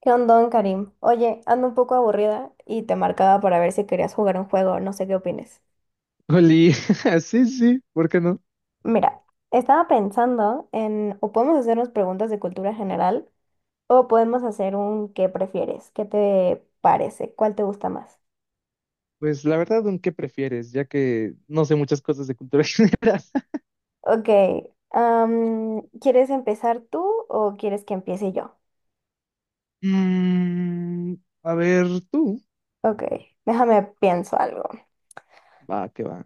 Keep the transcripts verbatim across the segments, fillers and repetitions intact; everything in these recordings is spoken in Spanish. ¿Qué onda, Karim? Oye, ando un poco aburrida y te marcaba para ver si querías jugar un juego, no sé qué opines. Oli, sí, sí, ¿por qué no? Mira, estaba pensando en o podemos hacernos preguntas de cultura general o podemos hacer un ¿qué prefieres? ¿Qué te parece? ¿Cuál te gusta más? Pues la verdad, ¿un qué prefieres? Ya que no sé muchas cosas de cultura general. Ok, am, ¿quieres empezar tú o quieres que empiece yo? Mm, a ver, tú. Ok, déjame pienso algo. Va, que va.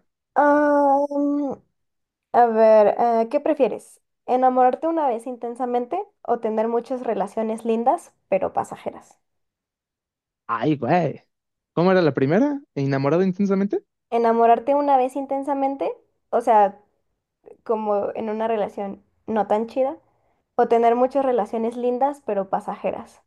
A ver, eh, ¿qué prefieres? ¿Enamorarte una vez intensamente o tener muchas relaciones lindas pero pasajeras? Ay, güey. ¿Cómo era la primera? ¿Enamorado intensamente? ¿Enamorarte una vez intensamente? O sea, como en una relación no tan chida. ¿O tener muchas relaciones lindas pero pasajeras?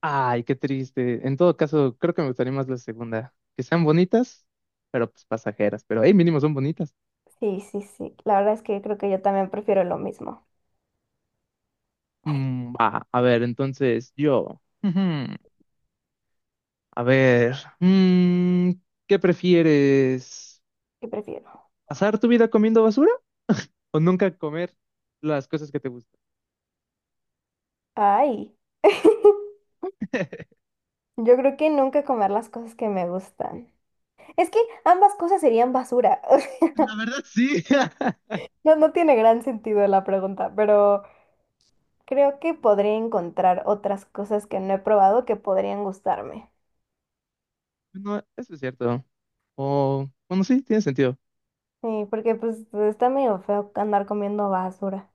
Ay, qué triste. En todo caso, creo que me gustaría más la segunda. Que sean bonitas, pero pues pasajeras. Pero, hey, mínimo son bonitas. Sí, sí, sí. La verdad es que creo que yo también prefiero lo mismo. Mm, va, a ver, entonces yo. Ujú. A ver, mm, ¿qué prefieres? ¿Qué prefiero? ¿Pasar tu vida comiendo basura o nunca comer las cosas que te gustan? Ay. Yo creo que nunca comer las cosas que me gustan. Es que ambas cosas serían basura. La verdad, sí. No, no tiene gran sentido la pregunta, pero... Creo que podría encontrar otras cosas que no he probado que podrían gustarme. No, eso es cierto. O, bueno, sí, tiene sentido. Sí, porque pues está medio feo andar comiendo basura.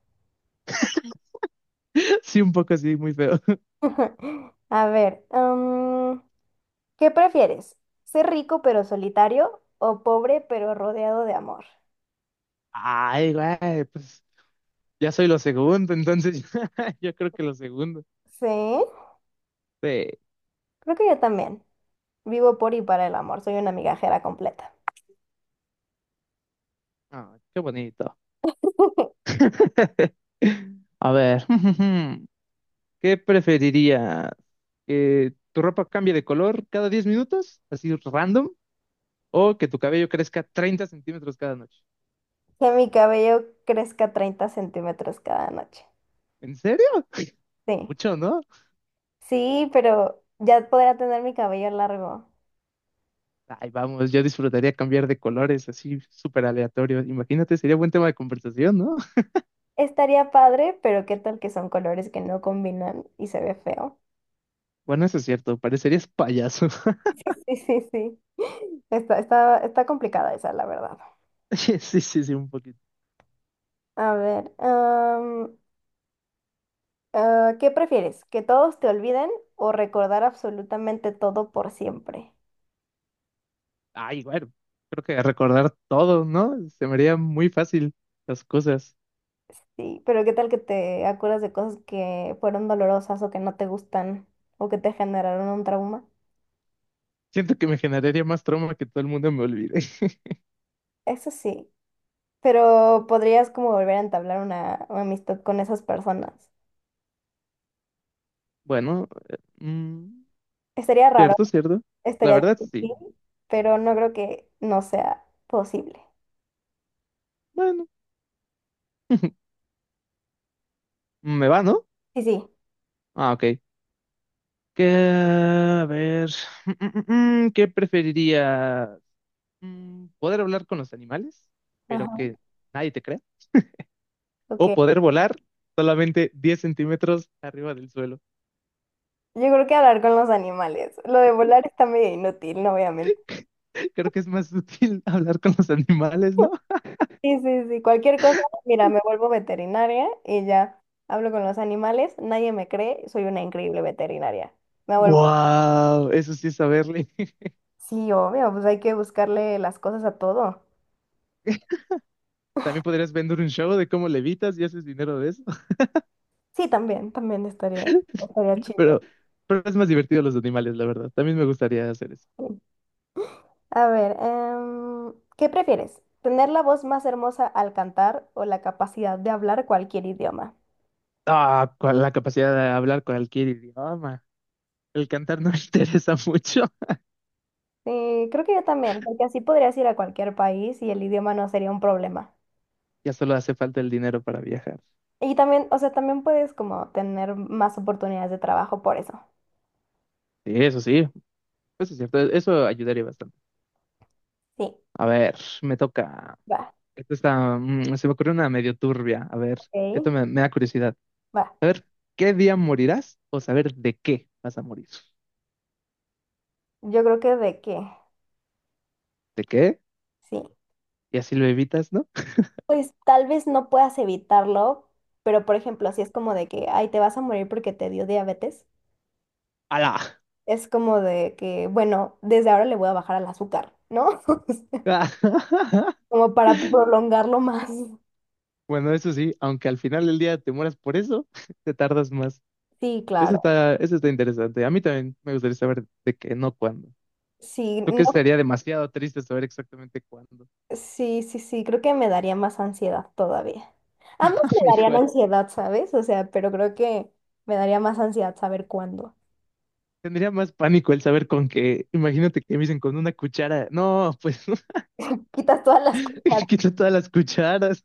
Sí, un poco así, muy feo. A ver, mm, ¿qué prefieres? ¿Ser rico pero solitario o pobre pero rodeado de amor? Ay, güey, pues ya soy lo segundo, entonces yo creo que lo segundo. Sí, Sí. creo que yo también. Vivo por y para el amor, soy una migajera completa. Ah, qué bonito. A ver, ¿qué preferirías? ¿Que tu ropa cambie de color cada diez minutos, así random, o que tu cabello crezca treinta centímetros cada noche? Que mi cabello crezca treinta centímetros cada noche. ¿En serio? Sí, Mucho, ¿no? sí, pero ya podría tener mi cabello largo. Ay, vamos, yo disfrutaría cambiar de colores, así súper aleatorio. Imagínate, sería buen tema de conversación, ¿no? Estaría padre, pero qué tal que son colores que no combinan y se ve feo. Bueno, eso es cierto, parecerías payaso. Sí, sí, sí, sí. Está, está, está complicada esa, la verdad. Sí, sí, sí, un poquito. A ver, am, ah, ¿qué prefieres? ¿Que todos te olviden o recordar absolutamente todo por siempre? Ay, bueno, creo que recordar todo, ¿no? Se me haría muy fácil las cosas. Sí, pero qué tal que te acuerdas de cosas que fueron dolorosas o que no te gustan o que te generaron un trauma. Siento que me generaría más trauma que todo el mundo me olvide. Eso sí, pero podrías como volver a entablar una, una amistad con esas personas. Bueno, eh, mm, Estaría raro. cierto, cierto. La Estaría verdad, sí. difícil, pero no creo que no sea posible. Bueno, me va, ¿no? Sí, sí. Ah, ok. Que a ver, mm, mm, mm, mm, ¿qué preferiría? Mm, poder hablar con los animales, pero Ajá, que nadie te crea, o ok. poder volar solamente diez centímetros arriba del suelo. Yo creo que hablar con los animales. Lo de volar está medio inútil, no voy a mentir. Creo que es más útil hablar con los animales, ¿no? Sí, sí, sí. Cualquier cosa, mira, me vuelvo veterinaria y ya hablo con los animales. Nadie me cree, soy una increíble veterinaria. Me vuelvo. ¡Wow! Eso sí es saberle. Sí, obvio, pues hay que buscarle las cosas a todo. También podrías vender un show de cómo levitas y haces dinero de eso, Sí, también, también estaría, estaría chido. pero, pero es más divertido los animales, la verdad. También me gustaría hacer eso. A ver, em, ¿qué prefieres? ¿Tener la voz más hermosa al cantar o la capacidad de hablar cualquier idioma? Ah, con la capacidad de hablar cualquier idioma. El cantar no me interesa mucho. Sí, creo que yo también, porque así podrías ir a cualquier país y el idioma no sería un problema. Ya solo hace falta el dinero para viajar. Y también, o sea, también puedes como tener más oportunidades de trabajo por eso. Sí, eso sí, eso es cierto, eso ayudaría bastante. Sí, A ver, me toca. va, Esto está, mm, se me ocurrió una medio turbia. A ver, ok, esto me, me da curiosidad. va. ¿Qué día morirás o saber de qué vas a morir? Yo creo que de que, ¿De qué? sí. Y así lo evitas, ¿no? Pues tal vez no puedas evitarlo, pero por ejemplo, si es como de que, ay, te vas a morir porque te dio diabetes. ¡Hala! Es como de que, bueno, desde ahora le voy a bajar al azúcar, ¿no? Como para prolongarlo más. Bueno, eso sí, aunque al final del día te mueras por eso, te tardas más. Sí, Eso claro. está, eso está interesante. A mí también me gustaría saber de qué, no cuándo. Sí, Tú que no- sería demasiado triste saber exactamente cuándo, sí, sí, sí, creo que me daría más ansiedad todavía. Ambos me darían amigo. ansiedad, ¿sabes? O sea, pero creo que me daría más ansiedad saber cuándo. Tendría más pánico el saber con qué. Imagínate que me dicen con una cuchara. No, pues Quitas todas las cosas. quito todas las cucharas.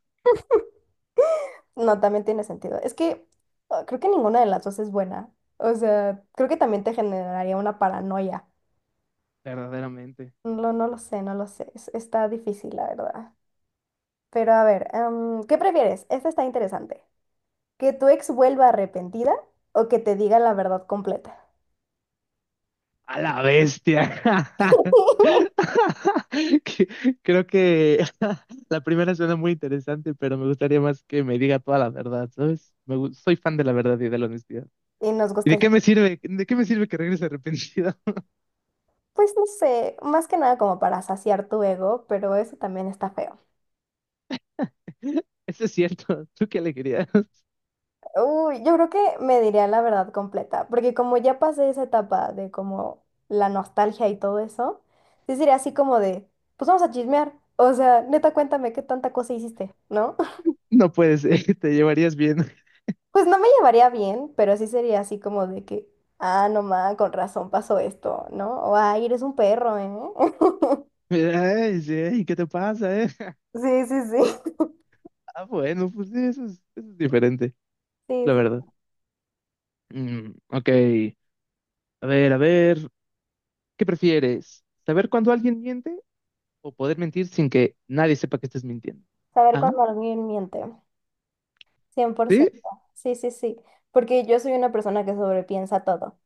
No, también tiene sentido. Es que ah, creo que ninguna de las dos es buena. O sea, creo que también te generaría una paranoia. Verdaderamente. No, no lo sé, no lo sé. Es- Está difícil, la verdad. Pero a ver, em, ¿qué prefieres? Esta está interesante. ¿Que tu ex vuelva arrepentida o que te diga la verdad completa? A la bestia. Que- Creo que la primera suena muy interesante, pero me gustaría más que me diga toda la verdad, ¿sabes? Me gu- soy fan de la verdad y de la honestidad. Y nos ¿Y gusta de el... qué me sirve? ¿De qué me sirve que regrese arrepentido? Pues no sé, más que nada como para saciar tu ego, pero eso también está feo. Eso es cierto. ¿Tú qué alegría? Uy, yo creo que me diría la verdad completa, porque como ya pasé esa etapa de como la nostalgia y todo eso, sí sería así como de, pues vamos a chismear. O sea, neta, cuéntame qué tanta cosa hiciste, ¿no? No puedes. Te llevarías bien. Pues no me llevaría bien, pero sí sería así como de que, ah, no ma, con razón pasó esto, ¿no? O, ay, eres un perro, ¿eh? Ay, sí, ¿qué te pasa, eh? Sí, sí, sí. Ah, bueno, pues sí, eso es, eso es diferente, Sí, la sí. verdad. Mm, ok, a ver, a ver, ¿qué prefieres? ¿Saber cuándo alguien miente o poder mentir sin que nadie sepa que estés mintiendo? Saber ¿Ah? cuando alguien miente, cien por ¿Sí? ciento, Sí, sí, sí. Porque yo soy una persona que sobrepiensa todo.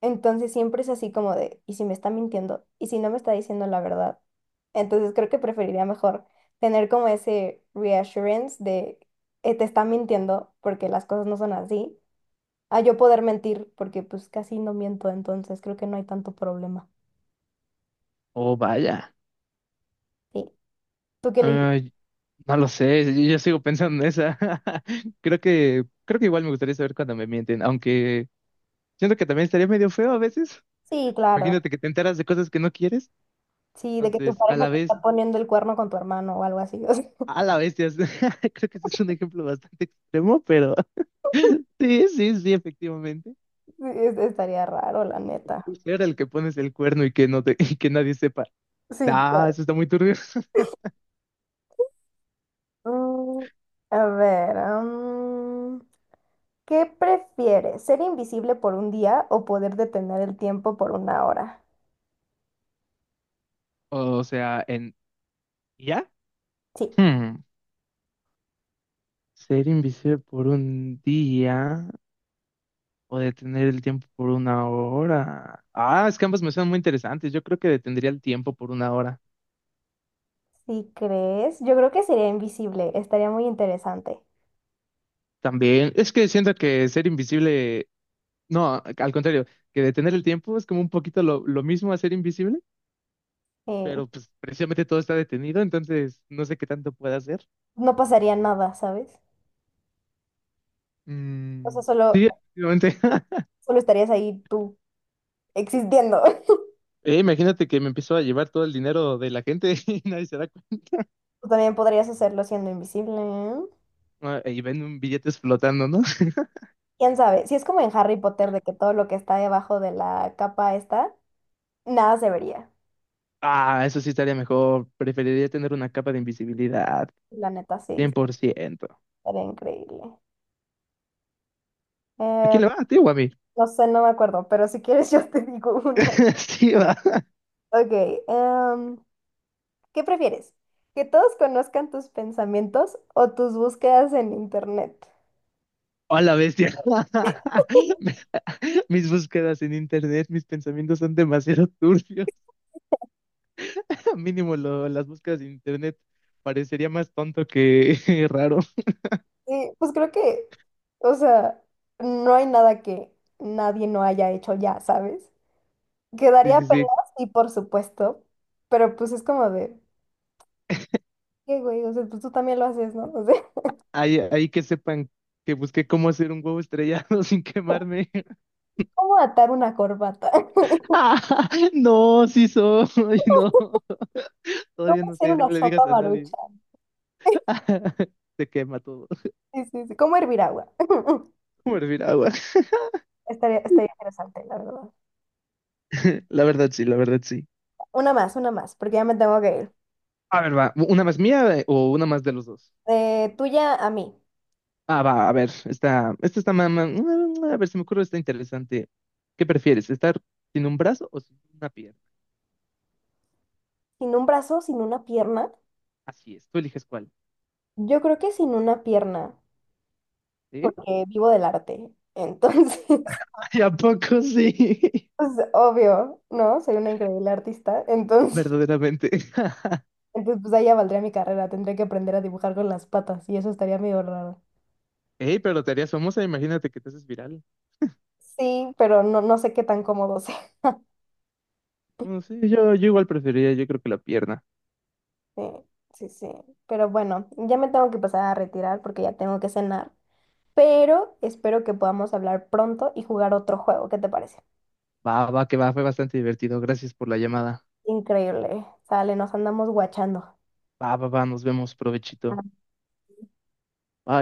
Entonces siempre es así como de, ¿y si me está mintiendo? ¿Y si no me está diciendo la verdad? Entonces creo que preferiría mejor tener como ese reassurance de, eh, te está mintiendo porque las cosas no son así a yo poder mentir, porque pues casi no miento, entonces creo que no hay tanto problema. Oh, vaya. Sí. ¿Tú qué elegiste? Ay, no lo sé, yo, yo sigo pensando en esa. Creo que, creo que igual me gustaría saber cuándo me mienten, aunque siento que también estaría medio feo a veces. Sí, claro. Imagínate que te enteras de cosas que no quieres. Sí, de que tu Entonces, a pareja la te vez, está poniendo el cuerno con tu hermano o algo así. O sea, a la vez, creo que ese es un ejemplo bastante extremo, pero... Sí, sí, sí, efectivamente. sí, es- estaría raro, la neta. Tú era el que pones el cuerno y que no te, y que nadie sepa. Sí, Ah, claro. eso está muy turbio. Mm, a ver, mm, ¿qué prefieres? ¿Ser invisible por un día o poder detener el tiempo por una hora? O sea, en ¿ya? Sí, Hmm. Ser invisible por un día o detener el tiempo por una hora. Ah, es que ambas me suenan muy interesantes. Yo creo que detendría el tiempo por una hora. si crees, yo creo que sería invisible, estaría muy interesante. También, es que siento que ser invisible, no, al contrario, que detener el tiempo es como un poquito lo, lo mismo a ser invisible, eh, pero pues precisamente todo está detenido, entonces no sé qué tanto puede hacer. no pasaría nada, ¿sabes? O sea, Mm, solo sí, efectivamente. Solo estarías ahí tú existiendo. Eh, imagínate que me empiezo a llevar todo el dinero de la gente y nadie se da cuenta. Tú también podrías hacerlo siendo invisible. Ah, y ven un billetes flotando, ¿no? ¿Quién sabe? Si es como en Harry Potter de que todo lo que está debajo de la capa está, nada se vería. Ah, eso sí estaría mejor. Preferiría tener una capa de invisibilidad, La neta, sí, cien por ciento. estaría increíble. ¿A Eh, quién le va? ¿A ti o a mí? no sé, no me acuerdo, pero si quieres yo te digo una. Sí, va. Ok, em, ¿qué prefieres? ¿Que todos conozcan tus pensamientos o tus búsquedas en internet? Hola, bestia. Me- Mis búsquedas en internet, mis pensamientos son demasiado turbios. Mínimo lo- las búsquedas en internet parecería más tonto que raro. Sí, pues creo que, o sea, no hay nada que nadie no haya hecho ya, ¿sabes? Sí, Quedaría sí, pelas, sí, y por supuesto, pero pues es como de, qué güey, o sea, pues tú también lo haces, ¿no? O sea, ahí, ahí que sepan que busqué cómo hacer un huevo estrellado sin quemarme. ¿cómo atar una corbata? Ah, no, sí soy, no. ¿Cómo Todavía no hacer sé, no una le digas sopa a nadie. marucha? Se quema todo. Sí, sí, sí. ¿Cómo hervir agua? Como hervir agua. Estaría, estaría interesante, la verdad. La verdad sí, la verdad sí. Una más, una más, porque ya me tengo que ir. A ver, va, ¿una más mía eh, o una más de los dos? Eh, tuya a mí. Ah, va, a ver, esta, esta está más, a ver, se me ocurre, está interesante. ¿Qué prefieres, estar sin un brazo o sin una pierna? Sin un brazo, sin una pierna. Así es, tú eliges cuál, Yo creo que sin una pierna, ¿sí? porque vivo del arte. Entonces, Ay, ¿a poco sí? pues obvio, ¿no? Soy una increíble artista. Entonces, Verdaderamente. entonces, pues ahí ya valdría mi carrera, tendría que aprender a dibujar con las patas y eso estaría medio raro. Ey, pero te harías famosa, imagínate que te haces viral. Sí, pero no, no sé qué tan cómodo sea. No sé, yo, yo igual preferiría, yo creo que la pierna. Sí, sí, sí. Pero bueno, ya me tengo que pasar a retirar porque ya tengo que cenar. Pero espero que podamos hablar pronto y jugar otro juego. ¿Qué te parece? Va, va, que va, fue bastante divertido. Gracias por la llamada. Increíble. Sale, nos andamos guachando. Va, va, va, nos vemos, provechito. Bye.